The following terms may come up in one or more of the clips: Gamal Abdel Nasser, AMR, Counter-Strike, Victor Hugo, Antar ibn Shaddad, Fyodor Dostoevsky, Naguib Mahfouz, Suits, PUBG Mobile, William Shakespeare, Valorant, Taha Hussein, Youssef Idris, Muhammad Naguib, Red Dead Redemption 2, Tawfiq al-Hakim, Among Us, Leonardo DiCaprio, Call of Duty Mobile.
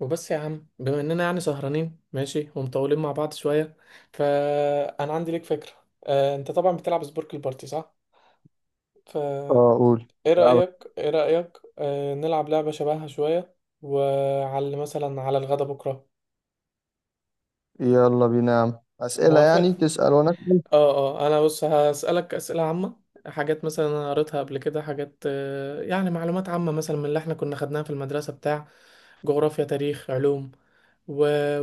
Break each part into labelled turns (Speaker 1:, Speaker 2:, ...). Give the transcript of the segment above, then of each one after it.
Speaker 1: وبس يا عم، بما اننا يعني سهرانين ماشي ومطولين مع بعض شويه، فانا عندي ليك فكره. انت طبعا بتلعب سبورك البارتي، صح؟ فايه
Speaker 2: اه، قول. ألعبك.
Speaker 1: رايك؟ ايه رايك نلعب لعبه شبهها شويه، وعلى مثلا على الغدا بكره؟
Speaker 2: يلا بينا يا عم، أسئلة يعني،
Speaker 1: موافق.
Speaker 2: تسأل وأنا أسأل.
Speaker 1: اه انا بص هسألك أسئلة عامة. حاجات مثلا انا قريتها قبل كده، حاجات يعني معلومات عامة مثلا من اللي احنا كنا خدناها في المدرسة بتاع جغرافيا، تاريخ، علوم و...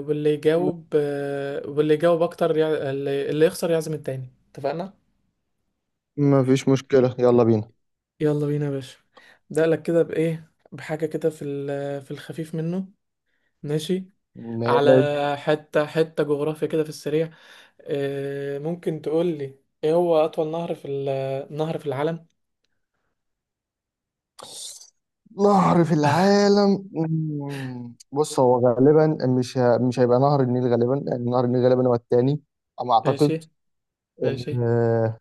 Speaker 1: واللي
Speaker 2: م-
Speaker 1: يجاوب آه، واللي يجاوب اكتر اللي يخسر يعزم التاني، اتفقنا؟
Speaker 2: مفيش مشكلة، يلا بينا.
Speaker 1: يلا بينا يا باشا. ده لك كده بايه، بحاجة كده في في الخفيف منه. ماشي. على
Speaker 2: ماشي.
Speaker 1: حتة حتة جغرافيا كده في السريع. ممكن تقول لي ايه هو اطول نهر في نهر في العالم؟
Speaker 2: نهر في العالم؟ بص، هو غالبا مش هيبقى نهر النيل، غالبا لأن نهر النيل غالبا هو التاني على ما
Speaker 1: ماشي
Speaker 2: أعتقد.
Speaker 1: ماشي.
Speaker 2: آه...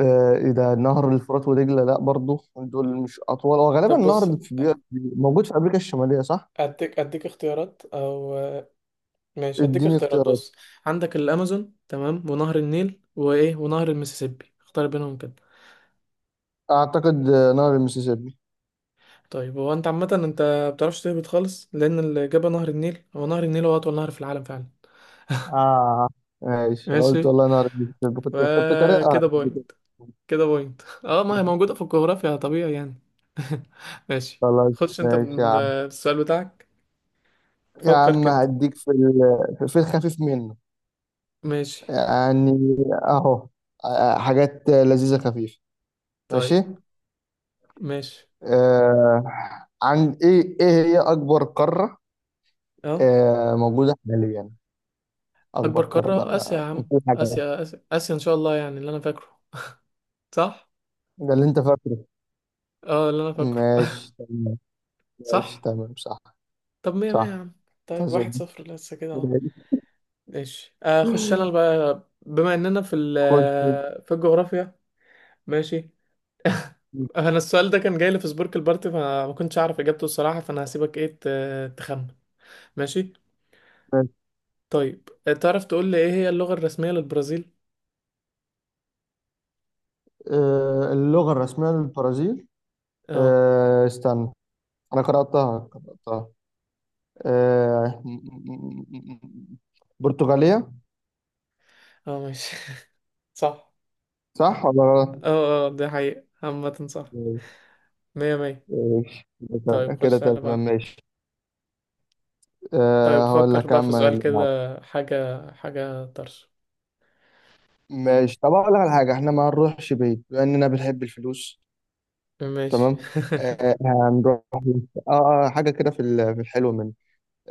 Speaker 2: إيه ده، نهر الفرات ودجلة؟ لا، برضو دول مش أطول. هو غالبا
Speaker 1: طب بص.
Speaker 2: النهر موجود في أمريكا الشمالية، صح؟
Speaker 1: اديك اختيارات، او ماشي هديك
Speaker 2: اديني
Speaker 1: اختيارات،
Speaker 2: اختيارات.
Speaker 1: بص. عندك الامازون، تمام، ونهر النيل وايه، ونهر المسيسيبي. اختار بينهم كده.
Speaker 2: أعتقد نهر المسيسيبي.
Speaker 1: طيب هو انت عامه، انت بتعرفش تهبط خالص. لان الاجابه نهر النيل. هو نهر النيل هو اطول نهر في العالم فعلا.
Speaker 2: اه، ماشي. انا قلت
Speaker 1: ماشي.
Speaker 2: والله انا عربي. كنت قارئها.
Speaker 1: فكده بوينت. كده بوينت. اه، ما هي موجوده في الجغرافيا طبيعي يعني. ماشي.
Speaker 2: خلاص. ماشي يا عم.
Speaker 1: بالسؤال بتاعك.
Speaker 2: يا
Speaker 1: فكر
Speaker 2: عم،
Speaker 1: كده.
Speaker 2: هديك في الخفيف منه
Speaker 1: ماشي
Speaker 2: يعني، اهو. حاجات لذيذة خفيفة.
Speaker 1: طيب.
Speaker 2: ماشي.
Speaker 1: ماشي.
Speaker 2: آه، عن ايه هي اكبر قارة
Speaker 1: اه.
Speaker 2: آه موجودة حاليا؟
Speaker 1: اكبر
Speaker 2: اكبر قارة بقى
Speaker 1: قارة اسيا يا
Speaker 2: بقى.
Speaker 1: عم.
Speaker 2: مفيش حاجة بقى.
Speaker 1: اسيا. آسيا ان شاء الله، يعني اللي انا فاكره. صح؟
Speaker 2: ده اللي انت فاكره.
Speaker 1: اه، اللي انا فاكره.
Speaker 2: ماشي تمام. ماشي
Speaker 1: صح.
Speaker 2: تمام، صح.
Speaker 1: طب مية مية يا
Speaker 2: صح.
Speaker 1: عم. طيب واحد
Speaker 2: تمام.
Speaker 1: صفر لسه كده اهو. ماشي اخش انا بقى، بما اننا في في الجغرافيا. ماشي.
Speaker 2: خش.
Speaker 1: انا السؤال ده كان جاي لي في سبورك البارتي فما كنتش اعرف اجابته الصراحة. فانا هسيبك ايه تخمن. ماشي طيب. تعرف تقول لي ايه هي اللغة الرسمية للبرازيل؟
Speaker 2: اللغة الرسمية للبرازيل؟
Speaker 1: اه
Speaker 2: استنى، أنا قرأتها. آه، م- م- م- م- برتغالية.
Speaker 1: اه ماشي. صح.
Speaker 2: صح ولا غلط؟
Speaker 1: اه اه، ده حقيقة عامة. صح. مية مية.
Speaker 2: ماشي كده،
Speaker 1: طيب
Speaker 2: كده
Speaker 1: خش على اللي
Speaker 2: تمام.
Speaker 1: بعد.
Speaker 2: ماشي.
Speaker 1: طيب
Speaker 2: أه، هقول
Speaker 1: فكر
Speaker 2: لك
Speaker 1: بقى في
Speaker 2: أما
Speaker 1: سؤال
Speaker 2: اللي بعده.
Speaker 1: كده، حاجة حاجة طرش.
Speaker 2: ماشي. طب أقول لك على حاجة، إحنا ما هنروحش بعيد بما إننا بنحب الفلوس.
Speaker 1: ماشي.
Speaker 2: تمام. أه، هنروح. أه، حاجة كده في الحلو منه.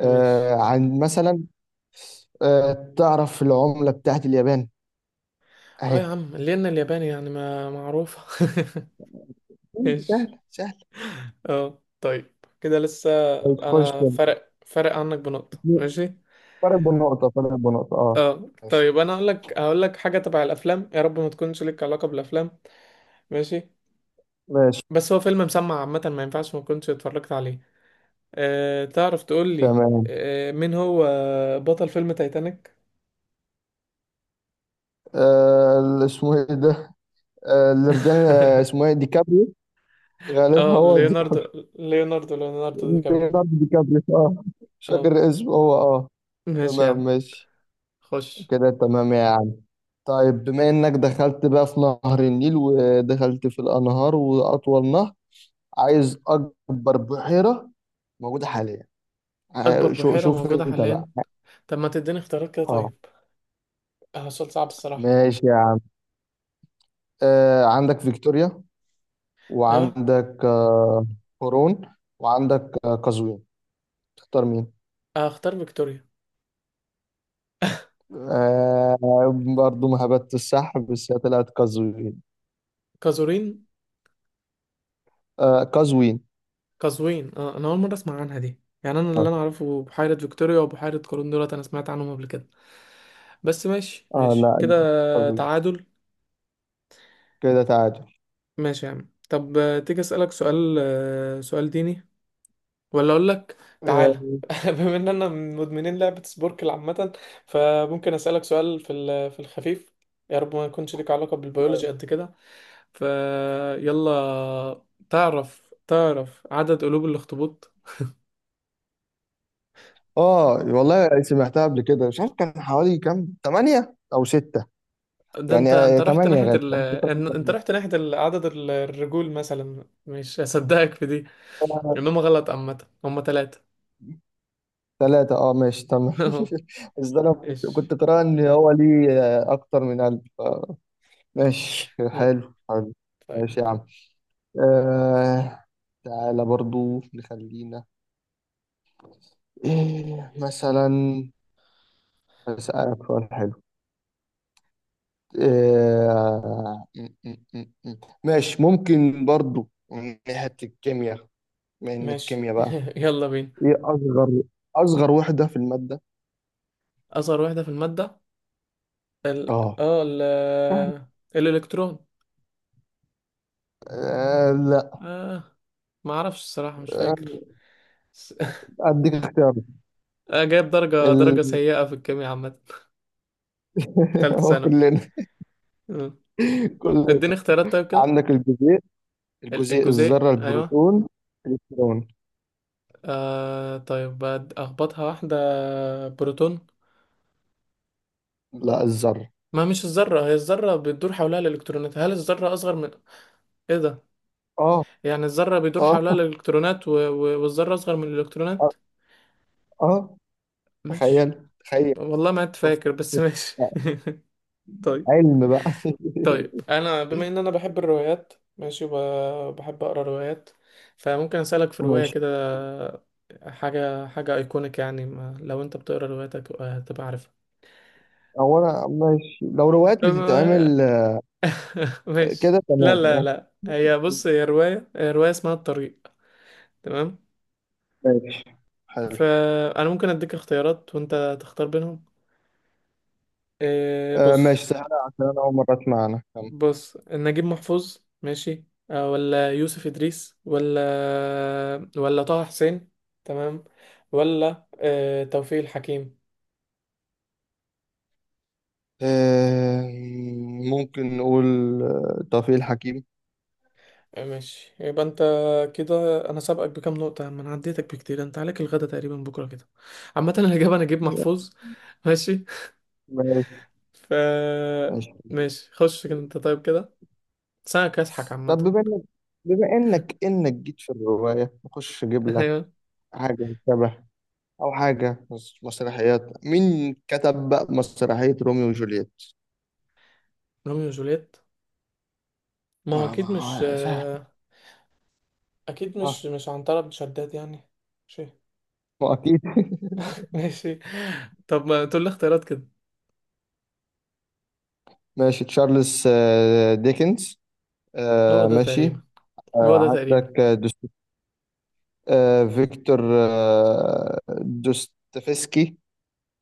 Speaker 1: ماشي.
Speaker 2: عن مثلا. أه، تعرف العملة بتاعت اليابان؟
Speaker 1: اه يا
Speaker 2: أهي.
Speaker 1: عم، لأن الياباني يعني ما معروفة.
Speaker 2: سهل
Speaker 1: ماشي.
Speaker 2: سهل.
Speaker 1: اه طيب. كده لسه.
Speaker 2: ماشي، خش
Speaker 1: أنا
Speaker 2: انت.
Speaker 1: فرق عنك بنقطة، ماشي.
Speaker 2: فرق بنقطة، فرق بنقطة، اه.
Speaker 1: اه
Speaker 2: ماشي.
Speaker 1: طيب، أنا هقول لك حاجة تبع الأفلام. يا رب ما تكونش لك علاقة بالأفلام. ماشي.
Speaker 2: ماشي
Speaker 1: بس هو فيلم مسمع عامة، ما ينفعش ما كنتش اتفرجت عليه. أه، تعرف تقول لي،
Speaker 2: تمام.
Speaker 1: أه مين هو بطل فيلم تايتانيك؟
Speaker 2: آه، اللي اسمه ايه ده؟ آه، الرجال اسمه ايه؟ ديكابريو، غالبا
Speaker 1: اه،
Speaker 2: هو
Speaker 1: ليوناردو.
Speaker 2: ديكابريو.
Speaker 1: ليوناردو دي كابري.
Speaker 2: ليوناردو ديكابريو، اه. مش
Speaker 1: اه
Speaker 2: فاكر اسمه هو، اه.
Speaker 1: ماشي يا
Speaker 2: تمام
Speaker 1: عم.
Speaker 2: ماشي.
Speaker 1: خش.
Speaker 2: كده تمام يا عم. طيب، بما انك دخلت بقى في نهر النيل ودخلت في الانهار واطول نهر، عايز اكبر بحيرة موجودة حاليا.
Speaker 1: اكبر بحيرة
Speaker 2: شوف
Speaker 1: موجودة
Speaker 2: انت بقى.
Speaker 1: حاليا. طب ما تديني اختيارات كده
Speaker 2: اه،
Speaker 1: طيب. اه، سؤال صعب الصراحة.
Speaker 2: ماشي يا عم. آه، عندك فيكتوريا،
Speaker 1: ايوه.
Speaker 2: وعندك هورون، وعندك قزوين. تختار مين؟
Speaker 1: اختار فيكتوريا.
Speaker 2: آه، برضو ما هبت السحب، بس هي طلعت قزوين.
Speaker 1: قزورين.
Speaker 2: آه، قزوين،
Speaker 1: قزوين. اه، انا اول مرة اسمع عنها دي يعني. انا اللي
Speaker 2: آه.
Speaker 1: انا اعرفه بحيرة فيكتوريا وبحيرة قارون. دولت انا سمعت عنهم قبل كده. بس ماشي
Speaker 2: اه،
Speaker 1: ماشي
Speaker 2: لا،
Speaker 1: كده.
Speaker 2: قزوين.
Speaker 1: تعادل.
Speaker 2: كده تعادل.
Speaker 1: ماشي يا عم. طب تيجي اسألك سؤال، سؤال ديني ولا اقول لك؟ تعالى.
Speaker 2: اه.
Speaker 1: بما ان انا من مدمنين لعبة سبوركل عامة، فممكن اسألك سؤال في في الخفيف. يا رب ما يكونش ليك علاقة بالبيولوجي قد كده. فيلا. تعرف عدد قلوب الاخطبوط؟
Speaker 2: والله سمعتها قبل كده، مش عارف كان حوالي كام، تمانية او ستة
Speaker 1: ده انت
Speaker 2: يعني.
Speaker 1: انت
Speaker 2: آه،
Speaker 1: رحت
Speaker 2: تمانية
Speaker 1: ناحية
Speaker 2: غالبا.
Speaker 1: انت رحت ناحية عدد الرجول مثلا. مش هصدقك في دي انهم غلط. عامة هم ثلاثة.
Speaker 2: ثلاثة، اه، ماشي تمام. بس ده انا كنت
Speaker 1: ايش.
Speaker 2: كنت قارئ ان هو ليه اكتر من قلب، آه. ماشي.
Speaker 1: مم.
Speaker 2: حلو حلو.
Speaker 1: طيب.
Speaker 2: ماشي يا عم. آه، تعالى برضو نخلينا. إيه مثلا، أسألك سؤال حلو. آه م- م- م- م. ماشي. ممكن برضو من ناحية الكيمياء، من
Speaker 1: ماشي
Speaker 2: الكيمياء بقى.
Speaker 1: يلا بينا.
Speaker 2: إيه أصغر وحدة في المادة؟
Speaker 1: اصغر واحدة في المادة، ال
Speaker 2: آه،
Speaker 1: اه
Speaker 2: سهل.
Speaker 1: الالكترون.
Speaker 2: آه، لا.
Speaker 1: اه، ما اعرفش الصراحة، مش
Speaker 2: آه،
Speaker 1: فاكر. بس-
Speaker 2: أديك اختيار.
Speaker 1: آه، جايب درجة
Speaker 2: ال...
Speaker 1: سيئة في الكيمياء عامة في تالتة
Speaker 2: هو
Speaker 1: ثانوي.
Speaker 2: كلنا.
Speaker 1: آه.
Speaker 2: كلنا.
Speaker 1: اديني اختيارات طيب كده.
Speaker 2: عندك الجزيء الجزيء
Speaker 1: الجزيء،
Speaker 2: الذرة،
Speaker 1: ايوه.
Speaker 2: البروتون، الإلكترون.
Speaker 1: آه طيب اخبطها واحدة، بروتون.
Speaker 2: لا، الذرة.
Speaker 1: ما مش الذرة، هي الذرة بتدور حولها الالكترونات. هل الذرة اصغر من ايه ده؟
Speaker 2: آه
Speaker 1: يعني الذرة بيدور
Speaker 2: آه
Speaker 1: حولها الالكترونات والذرة اصغر من
Speaker 2: آه
Speaker 1: الالكترونات.
Speaker 2: آه.
Speaker 1: ماشي.
Speaker 2: تخيل تخيل.
Speaker 1: والله ما كنت
Speaker 2: شوف.
Speaker 1: فاكر بس ماشي. طيب.
Speaker 2: علم بقى.
Speaker 1: طيب انا بما ان انا بحب الروايات ماشي وبحب اقرا روايات، فممكن اسالك في روايه
Speaker 2: ماشي،
Speaker 1: كده. حاجه حاجه ايكونيك يعني، ما لو انت بتقرا رواياتك هتبقى عارفها.
Speaker 2: هو انا ماشي لو روايات
Speaker 1: أم-
Speaker 2: بتتعمل.
Speaker 1: ماشي.
Speaker 2: كده
Speaker 1: لا
Speaker 2: تمام
Speaker 1: لا
Speaker 2: يعني.
Speaker 1: لا، هي بص، هي روايه اسمها الطريق. تمام.
Speaker 2: ماشي حلو.
Speaker 1: فانا ممكن اديك اختيارات وانت تختار بينهم. إيه،
Speaker 2: آه،
Speaker 1: بص.
Speaker 2: ماشي سهلة عشان انا اول مرة اسمع عنها، كم؟
Speaker 1: بص، نجيب محفوظ، ماشي، ولا يوسف إدريس، ولا طه حسين، تمام، ولا توفيق الحكيم؟
Speaker 2: آه، ممكن نقول توفيق الحكيم.
Speaker 1: آه، ماشي. يبقى انت كده. انا سابقك بكام نقطة، ما انا عديتك بكتير. انت عليك الغدا تقريبا بكرة كده. عامة الإجابة نجيب محفوظ. ماشي.
Speaker 2: ماشي.
Speaker 1: ف
Speaker 2: ماشي
Speaker 1: ماشي. خش كده انت طيب كده. سنة كاسحك عامة.
Speaker 2: طب، بما انك جيت في الرواية، نخش اجيب لك
Speaker 1: ايوه.
Speaker 2: حاجة شبه، او حاجة مسرحيات. مين كتب بقى مسرحية روميو وجولييت؟
Speaker 1: روميو وجوليت. ما هو
Speaker 2: ما
Speaker 1: اكيد مش اكيد
Speaker 2: ما
Speaker 1: مش، مش عنترة بن شداد يعني. ماشي.
Speaker 2: ما أكيد.
Speaker 1: ماشي. طب ما تقول لي اختيارات كده.
Speaker 2: ماشي. تشارلز ديكنز.
Speaker 1: هو ده
Speaker 2: ماشي.
Speaker 1: تقريبا. هو ده تقريبا.
Speaker 2: عندك آه، دوست... آه، فيكتور. دوستويفسكي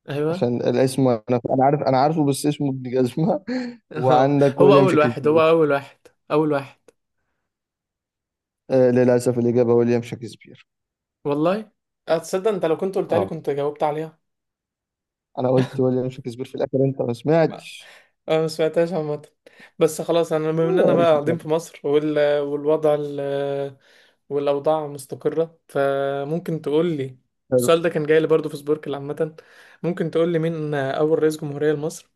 Speaker 1: ايوه.
Speaker 2: عشان الاسم. انا عارف، انا عارفه، بس اسمه ابن جزمه.
Speaker 1: هو
Speaker 2: وعندك
Speaker 1: هو
Speaker 2: ويليام
Speaker 1: اول واحد. هو
Speaker 2: شكسبير.
Speaker 1: اول واحد. اول واحد.
Speaker 2: للاسف الاجابه ويليام شكسبير.
Speaker 1: والله اتصدق انت، لو كنت قلت لي
Speaker 2: اه،
Speaker 1: كنت جاوبت عليها.
Speaker 2: انا قلت ويليام شكسبير في الاخر، انت ما
Speaker 1: ما-
Speaker 2: سمعتش.
Speaker 1: انا ما سمعتهاش عامه. بس خلاص، انا بما اننا بقى قاعدين
Speaker 2: آه،
Speaker 1: في مصر، والوضع والاوضاع مستقره، فممكن تقول لي.
Speaker 2: حلو.
Speaker 1: السؤال ده كان جاي لي برضه في سبوركل عامه. ممكن تقول لي مين اول رئيس جمهوريه لمصر؟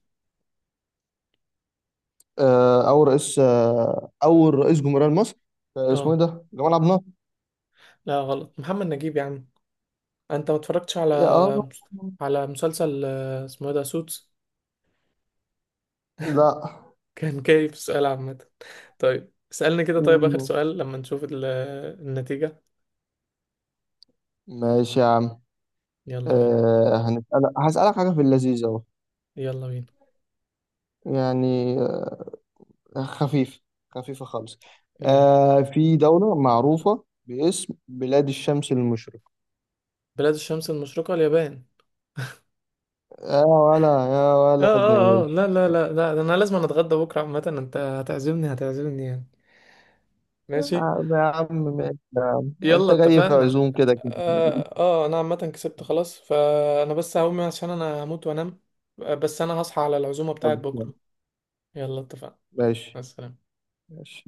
Speaker 2: آه، او رئيس آه، اول رئيس جمهوريه مصر، اسمه
Speaker 1: اه،
Speaker 2: ايه ده؟ جمال عبد الناصر.
Speaker 1: لا غلط. محمد نجيب يا عم. انت ما اتفرجتش على،
Speaker 2: اه.
Speaker 1: على مسلسل اسمه إيه ده سوتس؟
Speaker 2: لا.
Speaker 1: كان كيف سؤال عامة. طيب اسألني كده طيب، آخر
Speaker 2: مم.
Speaker 1: سؤال لما نشوف النتيجة.
Speaker 2: ماشي يا عم.
Speaker 1: يلا بينا.
Speaker 2: أه، هسألك حاجة في اللذيذ أهو،
Speaker 1: يلا بينا.
Speaker 2: يعني. خفيفة. خفيفة خالص.
Speaker 1: يلا.
Speaker 2: أه، في دولة معروفة باسم بلاد الشمس المشرقة؟
Speaker 1: بلاد الشمس المشرقة اليابان.
Speaker 2: يا
Speaker 1: اه
Speaker 2: ولد،
Speaker 1: اه اه لا
Speaker 2: ماشي.
Speaker 1: لا لا لا، ده انا لازم أنا اتغدى بكرة عامة، انت هتعزمني هتعزمني يعني.
Speaker 2: يا
Speaker 1: ماشي.
Speaker 2: عم، يا عم، ماشي يا عم.
Speaker 1: يلا
Speaker 2: أنت جاي في
Speaker 1: اتفقنا.
Speaker 2: عزوم كده كده.
Speaker 1: اه، آه انا عامة كسبت خلاص، فانا بس هقوم عشان انا هموت وانام. بس انا هصحى على العزومة بتاعت بكرة. يلا اتفقنا.
Speaker 2: ماشي
Speaker 1: مع السلامة.
Speaker 2: ماشي.